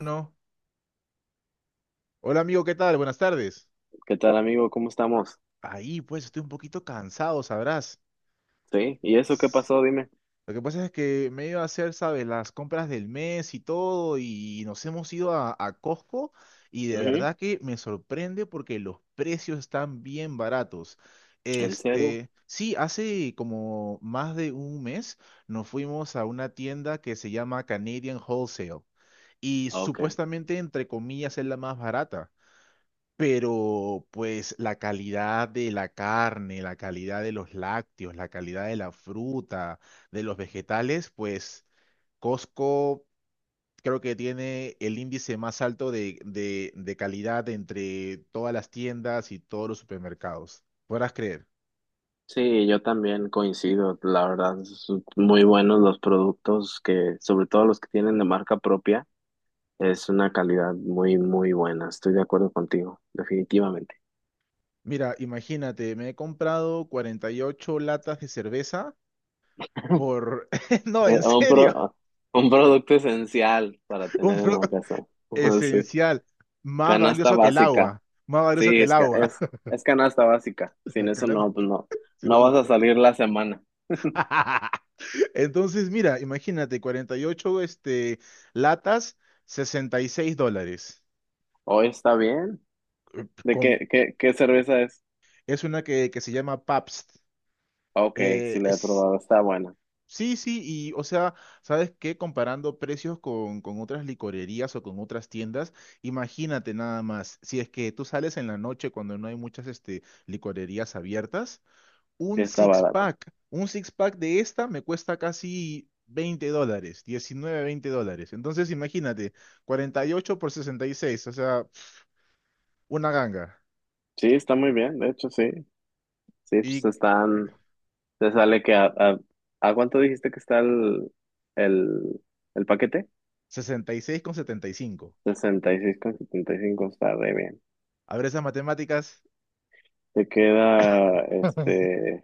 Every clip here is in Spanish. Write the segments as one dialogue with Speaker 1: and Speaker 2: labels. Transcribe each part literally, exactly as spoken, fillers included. Speaker 1: No. Hola amigo, ¿qué tal? Buenas tardes.
Speaker 2: ¿Qué tal, amigo? ¿Cómo estamos?
Speaker 1: Ahí, pues estoy un poquito cansado, sabrás.
Speaker 2: Sí, ¿y eso qué
Speaker 1: S-
Speaker 2: pasó? Dime.
Speaker 1: Lo que pasa es que me he ido a hacer, ¿sabes? Las compras del mes y todo, y nos hemos ido a, a Costco y de
Speaker 2: Ujú.
Speaker 1: verdad que me sorprende porque los precios están bien baratos.
Speaker 2: ¿En serio?
Speaker 1: Este, sí, hace como más de un mes nos fuimos a una tienda que se llama Canadian Wholesale y
Speaker 2: Ok.
Speaker 1: supuestamente, entre comillas, es la más barata. Pero pues la calidad de la carne, la calidad de los lácteos, la calidad de la fruta, de los vegetales, pues Costco creo que tiene el índice más alto de, de, de calidad entre todas las tiendas y todos los supermercados. Podrás creer.
Speaker 2: Sí, yo también coincido, la verdad, son muy buenos los productos que, sobre todo los que tienen de marca propia, es una calidad muy, muy buena. Estoy de acuerdo contigo, definitivamente.
Speaker 1: Mira, imagínate, me he comprado cuarenta y ocho latas de cerveza por...
Speaker 2: Eh,
Speaker 1: No, en
Speaker 2: Un
Speaker 1: serio,
Speaker 2: pro- un producto esencial para
Speaker 1: un
Speaker 2: tener en la
Speaker 1: producto
Speaker 2: casa. Sí.
Speaker 1: esencial, más
Speaker 2: Canasta
Speaker 1: valioso que el
Speaker 2: básica.
Speaker 1: agua, más valioso
Speaker 2: Sí,
Speaker 1: que el
Speaker 2: es, ca-
Speaker 1: agua.
Speaker 2: es, es canasta básica. Sin eso no, pues no,
Speaker 1: Si no
Speaker 2: no
Speaker 1: se
Speaker 2: vas a
Speaker 1: puede.
Speaker 2: salir la semana.
Speaker 1: Entonces, mira, imagínate, cuarenta y ocho este, latas, sesenta y seis dólares.
Speaker 2: Hoy está bien. ¿De
Speaker 1: Con-
Speaker 2: qué, qué, qué cerveza es?
Speaker 1: es una que, que se llama Pabst.
Speaker 2: Ah, ok, sí
Speaker 1: Eh,
Speaker 2: la he
Speaker 1: es-
Speaker 2: probado, está buena,
Speaker 1: sí, sí, y o sea, ¿sabes qué? Comparando precios con, con otras licorerías o con otras tiendas, imagínate nada más, si es que tú sales en la noche cuando no hay muchas este, licorerías abiertas,
Speaker 2: sí
Speaker 1: un
Speaker 2: está
Speaker 1: six
Speaker 2: barato.
Speaker 1: pack. Un six pack de esta me cuesta casi veinte dólares, diecinueve veinte dólares. Entonces imagínate, cuarenta y ocho por sesenta y seis, o sea, una ganga.
Speaker 2: Sí, está muy bien, de hecho sí. Sí, pues
Speaker 1: Y
Speaker 2: están, te sale que a, a, ¿a cuánto dijiste que está el, el, el paquete?
Speaker 1: sesenta y seis con setenta y cinco.
Speaker 2: sesenta y y seis con setenta y cinco está re bien.
Speaker 1: A ver esas matemáticas.
Speaker 2: Te queda, este,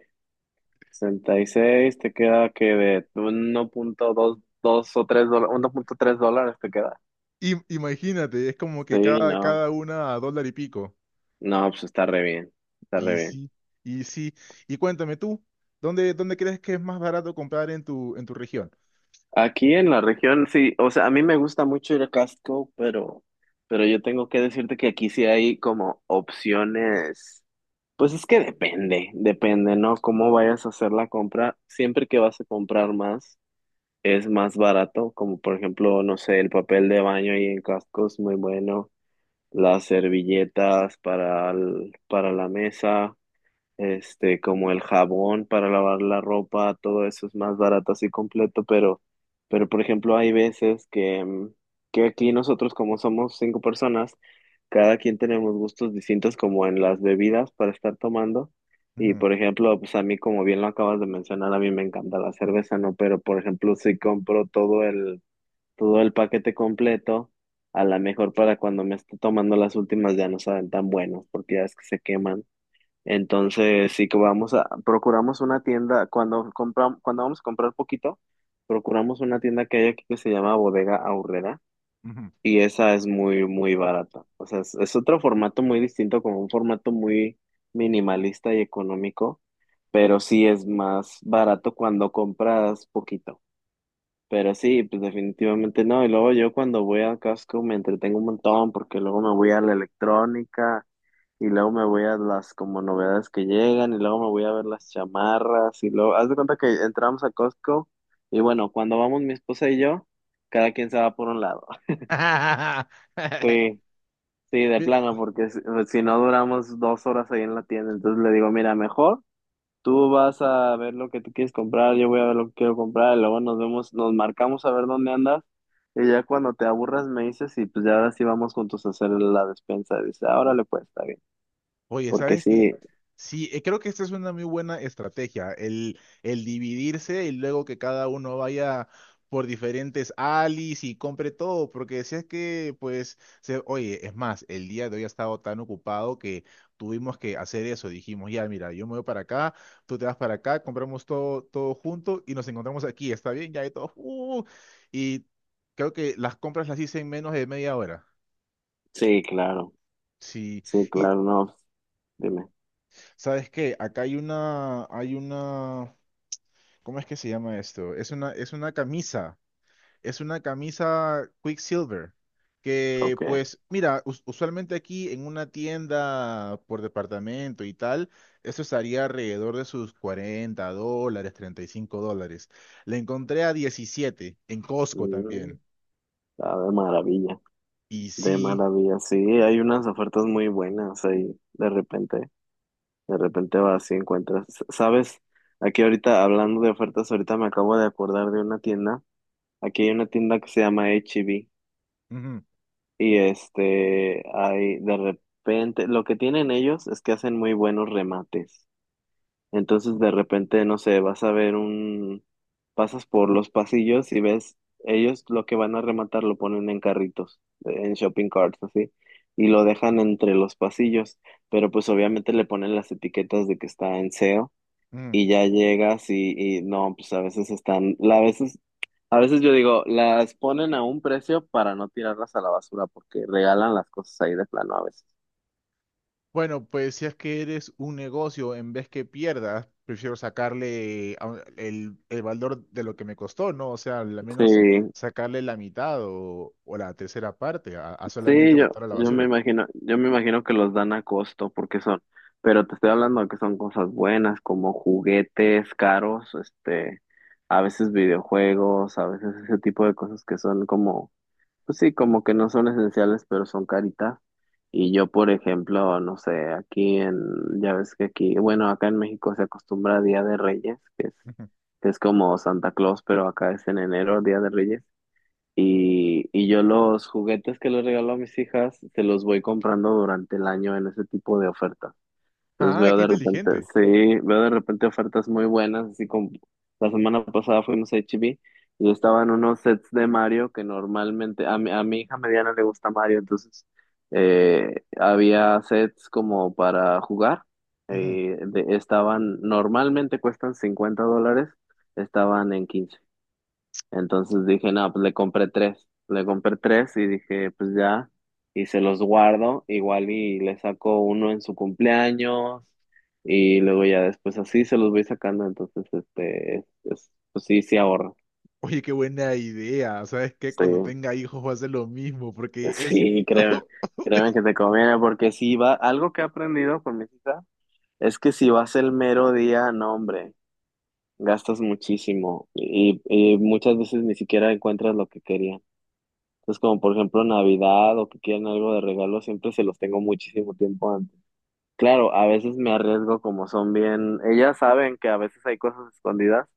Speaker 2: sesenta y seis te queda que de uno punto dos dos o tres dólares, uno punto tres dólares te queda.
Speaker 1: Im- Imagínate, es como que
Speaker 2: Sí,
Speaker 1: cada,
Speaker 2: no,
Speaker 1: cada una a dólar y pico.
Speaker 2: no, pues está re bien, está re
Speaker 1: Y
Speaker 2: bien.
Speaker 1: sí, y sí. Y cuéntame tú, ¿dónde, dónde crees que es más barato comprar en tu, en tu región?
Speaker 2: Aquí en la región, sí, o sea, a mí me gusta mucho ir a Costco, pero, pero, yo tengo que decirte que aquí sí hay como opciones, pues es que depende, depende, ¿no? Cómo vayas a hacer la compra, siempre que vas a comprar más, es más barato, como por ejemplo, no sé, el papel de baño ahí en Costco es muy bueno, las servilletas para, el- para la mesa. Este, como el jabón para lavar la ropa, todo eso es más barato así completo, pero, pero por ejemplo, hay veces que, mm, que aquí nosotros, como somos cinco personas, cada quien tenemos gustos distintos como en las bebidas para estar tomando. Y
Speaker 1: Ujú,
Speaker 2: por ejemplo, pues a mí, como bien lo acabas de mencionar, a mí me encanta la cerveza, ¿no? Pero por ejemplo, si compro todo el, todo el paquete completo, a lo mejor para cuando me esté tomando las últimas ya no saben tan buenos, porque ya es que se queman. Entonces, sí que vamos a, procuramos una tienda, cuando compramos, cuando vamos a comprar poquito, procuramos una tienda que hay aquí que se llama Bodega Aurrera
Speaker 1: ujú.
Speaker 2: y esa es muy, muy barata. O sea, es, es otro formato muy distinto, como un formato muy minimalista y económico, pero sí es más barato cuando compras poquito. Pero sí, pues definitivamente no. Y luego yo cuando voy al casco me entretengo un montón porque luego me voy a la electrónica y luego me voy a las como novedades que llegan y luego me voy a ver las chamarras y luego, haz de cuenta que entramos a Costco y bueno, cuando vamos mi esposa y yo, cada quien se va por un lado. Sí, sí, de
Speaker 1: Mira,
Speaker 2: plano, porque si, si no duramos dos horas ahí en la tienda, entonces le digo, mira, mejor. Tú vas a ver lo que tú quieres comprar, yo voy a ver lo que quiero comprar, y luego nos vemos, nos marcamos a ver dónde andas, y ya cuando te aburras me dices, y pues ya ahora sí vamos juntos a hacer la despensa. Dice, ahora le puedes está bien.
Speaker 1: oye,
Speaker 2: Porque
Speaker 1: ¿sabes qué?
Speaker 2: sí,
Speaker 1: Sí, eh, creo que esta es una muy buena estrategia, el, el dividirse y luego que cada uno vaya por diferentes alis y compre todo, porque si es que, pues, se- oye, es más, el día de hoy ha estado tan ocupado que tuvimos que hacer eso, dijimos, ya, mira, yo me voy para acá, tú te vas para acá, compramos todo, todo junto y nos encontramos aquí, ¿está bien? Ya de todo, y todos, "Uh". Y creo que las compras las hice en menos de media hora.
Speaker 2: sí, claro,
Speaker 1: Sí.
Speaker 2: sí,
Speaker 1: Y
Speaker 2: claro, no, dime,
Speaker 1: ¿sabes qué? Acá hay una, hay una, ¿cómo es que se llama esto? Es una, es una camisa, es una camisa Quicksilver, que
Speaker 2: ok.
Speaker 1: pues, mira, us- usualmente aquí en una tienda por departamento y tal, eso estaría alrededor de sus cuarenta dólares, treinta y cinco dólares. La encontré a diecisiete en Costco
Speaker 2: Mm,
Speaker 1: también.
Speaker 2: ah, de maravilla,
Speaker 1: Y
Speaker 2: de
Speaker 1: sí,
Speaker 2: maravilla, sí, hay unas ofertas muy buenas ahí, de repente, de repente vas y encuentras, ¿sabes? Aquí ahorita, hablando de ofertas, ahorita me acabo de acordar de una tienda. Aquí hay una tienda que se llama H E B
Speaker 1: ujú,
Speaker 2: y este, hay de repente, lo que tienen ellos es que hacen muy buenos remates. Entonces de repente, no sé, vas a ver un, pasas por los pasillos y ves, ellos lo que van a rematar lo ponen en carritos, en shopping carts, así, y lo dejan entre los pasillos, pero pues obviamente le ponen las etiquetas de que está en S E O
Speaker 1: ujú.
Speaker 2: y ya llegas y, y no, pues a veces están, la- a veces a veces yo digo, las ponen a un precio para no tirarlas a la basura, porque regalan las cosas ahí de plano a veces.
Speaker 1: Bueno, pues si es que eres un negocio, en vez que pierdas, prefiero sacarle a un- el, el valor de lo que me costó, ¿no? O sea, al menos
Speaker 2: Sí,
Speaker 1: sacarle la mitad o, o la tercera parte a, a solamente
Speaker 2: sí, yo,
Speaker 1: botar a la
Speaker 2: yo me
Speaker 1: basura.
Speaker 2: imagino, yo me imagino que los dan a costo, porque son, pero te estoy hablando de que son cosas buenas, como juguetes caros, este, a veces videojuegos, a veces ese tipo de cosas que son como. Pues sí, como que no son esenciales, pero son caritas. Y yo, por ejemplo, no sé, aquí en, ya ves que aquí, bueno, acá en México se acostumbra a Día de Reyes, que es,
Speaker 1: Ujú.
Speaker 2: que es como Santa Claus, pero acá es en enero, Día de Reyes. Y, y yo los juguetes que les regalo a mis hijas, se los voy comprando durante el año en ese tipo de ofertas. Entonces
Speaker 1: Ah,
Speaker 2: veo
Speaker 1: qué
Speaker 2: de repente,
Speaker 1: inteligente.
Speaker 2: sí, veo de repente ofertas muy buenas, así como la semana pasada fuimos a h E b y estaban unos sets de Mario que normalmente, a mi, a mi hija mediana le gusta Mario, entonces eh, había sets como para jugar,
Speaker 1: Ujú.
Speaker 2: eh, de- estaban, normalmente cuestan cincuenta dólares, estaban en quince. Entonces dije, no, pues le compré tres, le compré tres y dije, pues ya y se los guardo, igual y le saco uno en su cumpleaños y luego ya después así se los voy sacando, entonces, este, es- es- pues sí, sí ahorro.
Speaker 1: Oye, qué buena idea. ¿Sabes qué?
Speaker 2: Sí,
Speaker 1: Cuando tenga hijos va a hacer lo mismo porque
Speaker 2: pues
Speaker 1: es...
Speaker 2: sí, créeme, créeme que te conviene, porque si va, algo que he aprendido con mis hijas es que si vas el mero día, no, hombre, gastas muchísimo y, y muchas veces ni siquiera encuentras lo que querían. Entonces, como por ejemplo Navidad o que quieren algo de regalo, siempre se los tengo muchísimo tiempo antes. Claro, a veces me arriesgo como son bien, ellas saben que a veces hay cosas escondidas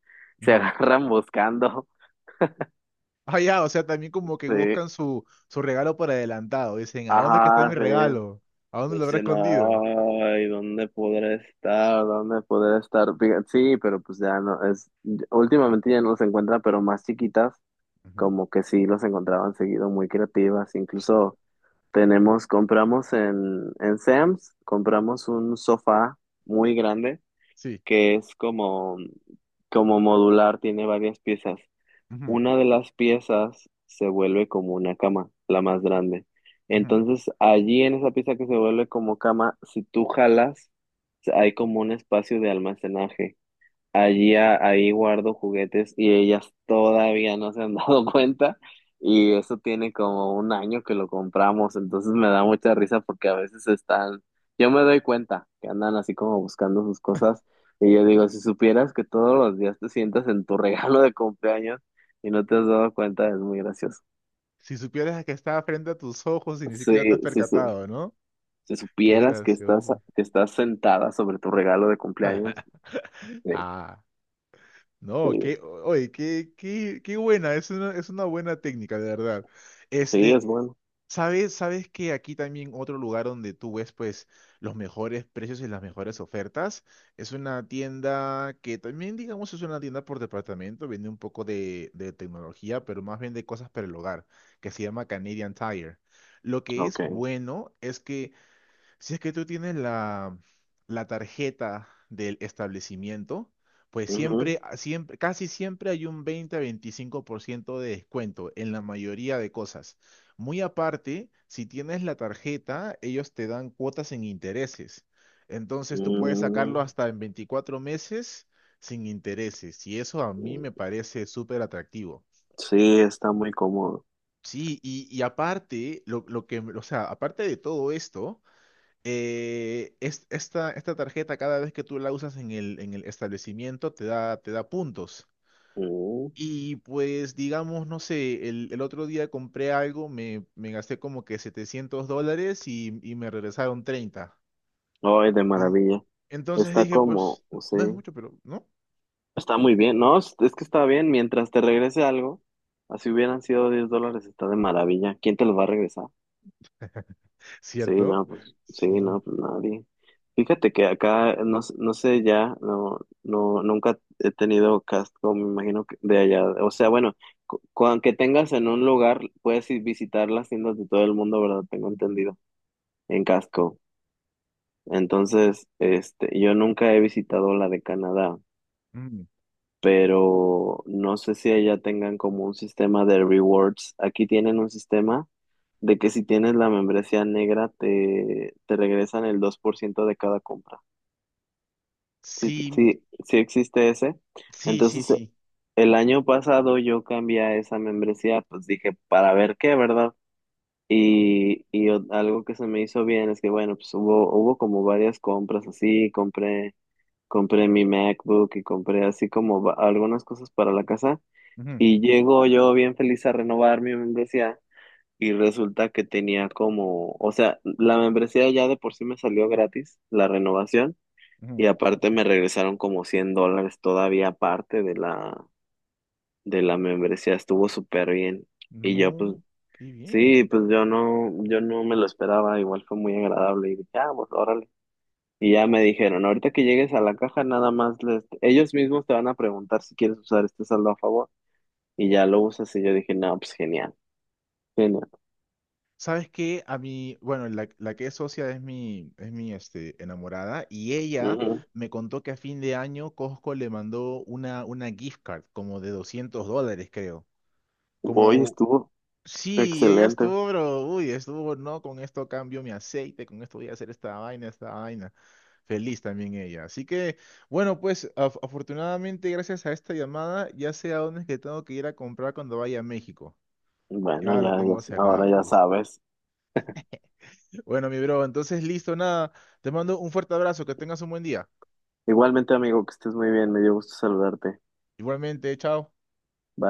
Speaker 2: se
Speaker 1: Ujú.
Speaker 2: agarran buscando.
Speaker 1: Ah, ya, o sea, también como que
Speaker 2: Sí,
Speaker 1: buscan su, su regalo por adelantado. Dicen, ¿a dónde es que está mi
Speaker 2: ajá, sí.
Speaker 1: regalo? ¿A dónde lo habrá
Speaker 2: Dice, no,
Speaker 1: escondido?
Speaker 2: ay, ¿dónde podré estar? ¿Dónde podré estar? Fija- Sí, pero pues ya no, es, últimamente ya no los encuentra, pero más chiquitas,
Speaker 1: Ujú.
Speaker 2: como que sí los encontraban seguido, muy creativas. Incluso tenemos, compramos en, en Sam's, compramos un sofá muy grande,
Speaker 1: Sí.
Speaker 2: que es como, como modular, tiene varias piezas. Una de las piezas se vuelve como una cama, la más grande.
Speaker 1: Ujú.
Speaker 2: Entonces, allí en esa pieza que se vuelve como cama, si tú jalas, hay como un espacio de almacenaje. Allí, a- ahí guardo juguetes y ellas todavía no se han dado cuenta y eso tiene como un año que lo compramos, entonces me da mucha risa porque a veces están, yo me doy cuenta que andan así como buscando sus cosas y yo digo, si supieras que todos los días te sientas en tu regalo de cumpleaños y no te has dado cuenta, es muy gracioso.
Speaker 1: Si supieras que estaba frente a tus ojos y ni siquiera te
Speaker 2: Sí,
Speaker 1: has
Speaker 2: si, su-
Speaker 1: percatado, ¿no?
Speaker 2: si
Speaker 1: Qué
Speaker 2: supieras que estás,
Speaker 1: gracioso.
Speaker 2: que estás sentada sobre tu regalo de cumpleaños, sí,
Speaker 1: Ah, no,
Speaker 2: sí,
Speaker 1: qué, oye, qué, qué, qué buena, es una, es una buena técnica, de verdad.
Speaker 2: sí,
Speaker 1: Este,
Speaker 2: es bueno.
Speaker 1: Sabes, sabes que aquí también otro lugar donde tú ves pues los mejores precios y las mejores ofertas es una tienda que también digamos es una tienda por departamento, vende un poco de, de tecnología, pero más vende cosas para el hogar, que se llama Canadian Tire. Lo que es
Speaker 2: Ok.
Speaker 1: bueno es que si es que tú tienes la, la tarjeta del establecimiento, pues siempre, a- siempre, casi siempre hay un veinte a veinticinco por ciento de descuento en la mayoría de cosas. Muy aparte, si tienes la tarjeta, ellos te dan cuotas en intereses. Entonces tú puedes
Speaker 2: Mm,
Speaker 1: sacarlo hasta en veinticuatro meses sin intereses. Y eso a mí
Speaker 2: mm,
Speaker 1: me parece súper atractivo.
Speaker 2: sí, está muy cómodo.
Speaker 1: Sí, y, y aparte, lo, lo que, o sea, aparte de todo esto, eh, es- esta, esta tarjeta, cada vez que tú la usas en el, en el establecimiento, te da, te da puntos.
Speaker 2: Mm,
Speaker 1: Y pues, digamos, no sé, el, el otro día compré algo, me, me gasté como que setecientos dólares y, y me regresaron treinta.
Speaker 2: ay, de
Speaker 1: En-
Speaker 2: maravilla.
Speaker 1: Entonces
Speaker 2: Está
Speaker 1: dije,
Speaker 2: como,
Speaker 1: pues,
Speaker 2: sí,
Speaker 1: no es mucho, pero, ¿no?
Speaker 2: está muy bien. No, es es que está bien. Mientras te regrese algo, así hubieran sido diez dólares, está de maravilla. ¿Quién te lo va a regresar? Sí,
Speaker 1: ¿Cierto?
Speaker 2: no, pues, sí,
Speaker 1: Sí.
Speaker 2: no, pues nadie. Fíjate que acá, no, s- no sé ya, no, no, nunca he tenido Costco, me imagino que de allá. O sea, bueno, cu- con que tengas en un lugar, puedes ir visitar las tiendas de todo el mundo, ¿verdad? Tengo entendido. En Costco. Entonces, este, yo nunca he visitado la de Canadá,
Speaker 1: Mm.
Speaker 2: pero no sé si allá tengan como un sistema de rewards. Aquí tienen un sistema de que si tienes la membresía negra te, te regresan el dos por ciento de cada compra. Sí,
Speaker 1: Sí,
Speaker 2: sí, sí existe ese.
Speaker 1: sí, sí,
Speaker 2: Entonces, eh,
Speaker 1: sí.
Speaker 2: el año pasado yo cambié a esa membresía, pues dije, para ver qué, ¿verdad? Y, y o- algo que se me hizo bien es que, bueno, pues hubo, hubo como varias compras así, compré compré mi MacBook y compré así como va- algunas cosas para la casa
Speaker 1: Ujú,
Speaker 2: y llego yo bien feliz a renovar mi membresía y resulta que tenía como, o sea, la membresía ya de por sí me salió gratis, la renovación,
Speaker 1: ujú.
Speaker 2: y aparte me regresaron como cien dólares todavía aparte de la, de la membresía, estuvo súper bien. Y yo pues,
Speaker 1: No, qué bien.
Speaker 2: sí, pues yo no, yo no me lo esperaba, igual fue muy agradable y dije, ah, pues ahora. Y ya me dijeron, ahorita que llegues a la caja, nada más les, ellos mismos te van a preguntar si quieres usar este saldo a favor. Y ya lo usas y yo dije, no, pues genial, genial.
Speaker 1: ¿Sabes qué? A mí, bueno, la, la que es socia es mi, es mi este, enamorada y ella
Speaker 2: Ujú.
Speaker 1: me contó que a fin de año Costco le mandó una, una gift card como de doscientos dólares, creo.
Speaker 2: Hoy
Speaker 1: Como,
Speaker 2: estuvo
Speaker 1: sí, ella
Speaker 2: excelente.
Speaker 1: estuvo, pero, uy, estuvo, no, con esto cambio mi aceite, con esto voy a hacer esta vaina, esta vaina. Feliz también ella. Así que, bueno, pues af- afortunadamente gracias a esta llamada ya sé a dónde es que tengo que ir a comprar cuando vaya a México.
Speaker 2: Bueno,
Speaker 1: Ya lo
Speaker 2: ya,
Speaker 1: tengo
Speaker 2: ya, ahora
Speaker 1: cerrado,
Speaker 2: ya
Speaker 1: listo.
Speaker 2: sabes.
Speaker 1: Bueno, mi bro, entonces listo, nada. Te mando un fuerte abrazo, que tengas un buen día.
Speaker 2: Igualmente, amigo, que estés muy bien, me dio gusto saludarte.
Speaker 1: Igualmente, chao.
Speaker 2: Bye.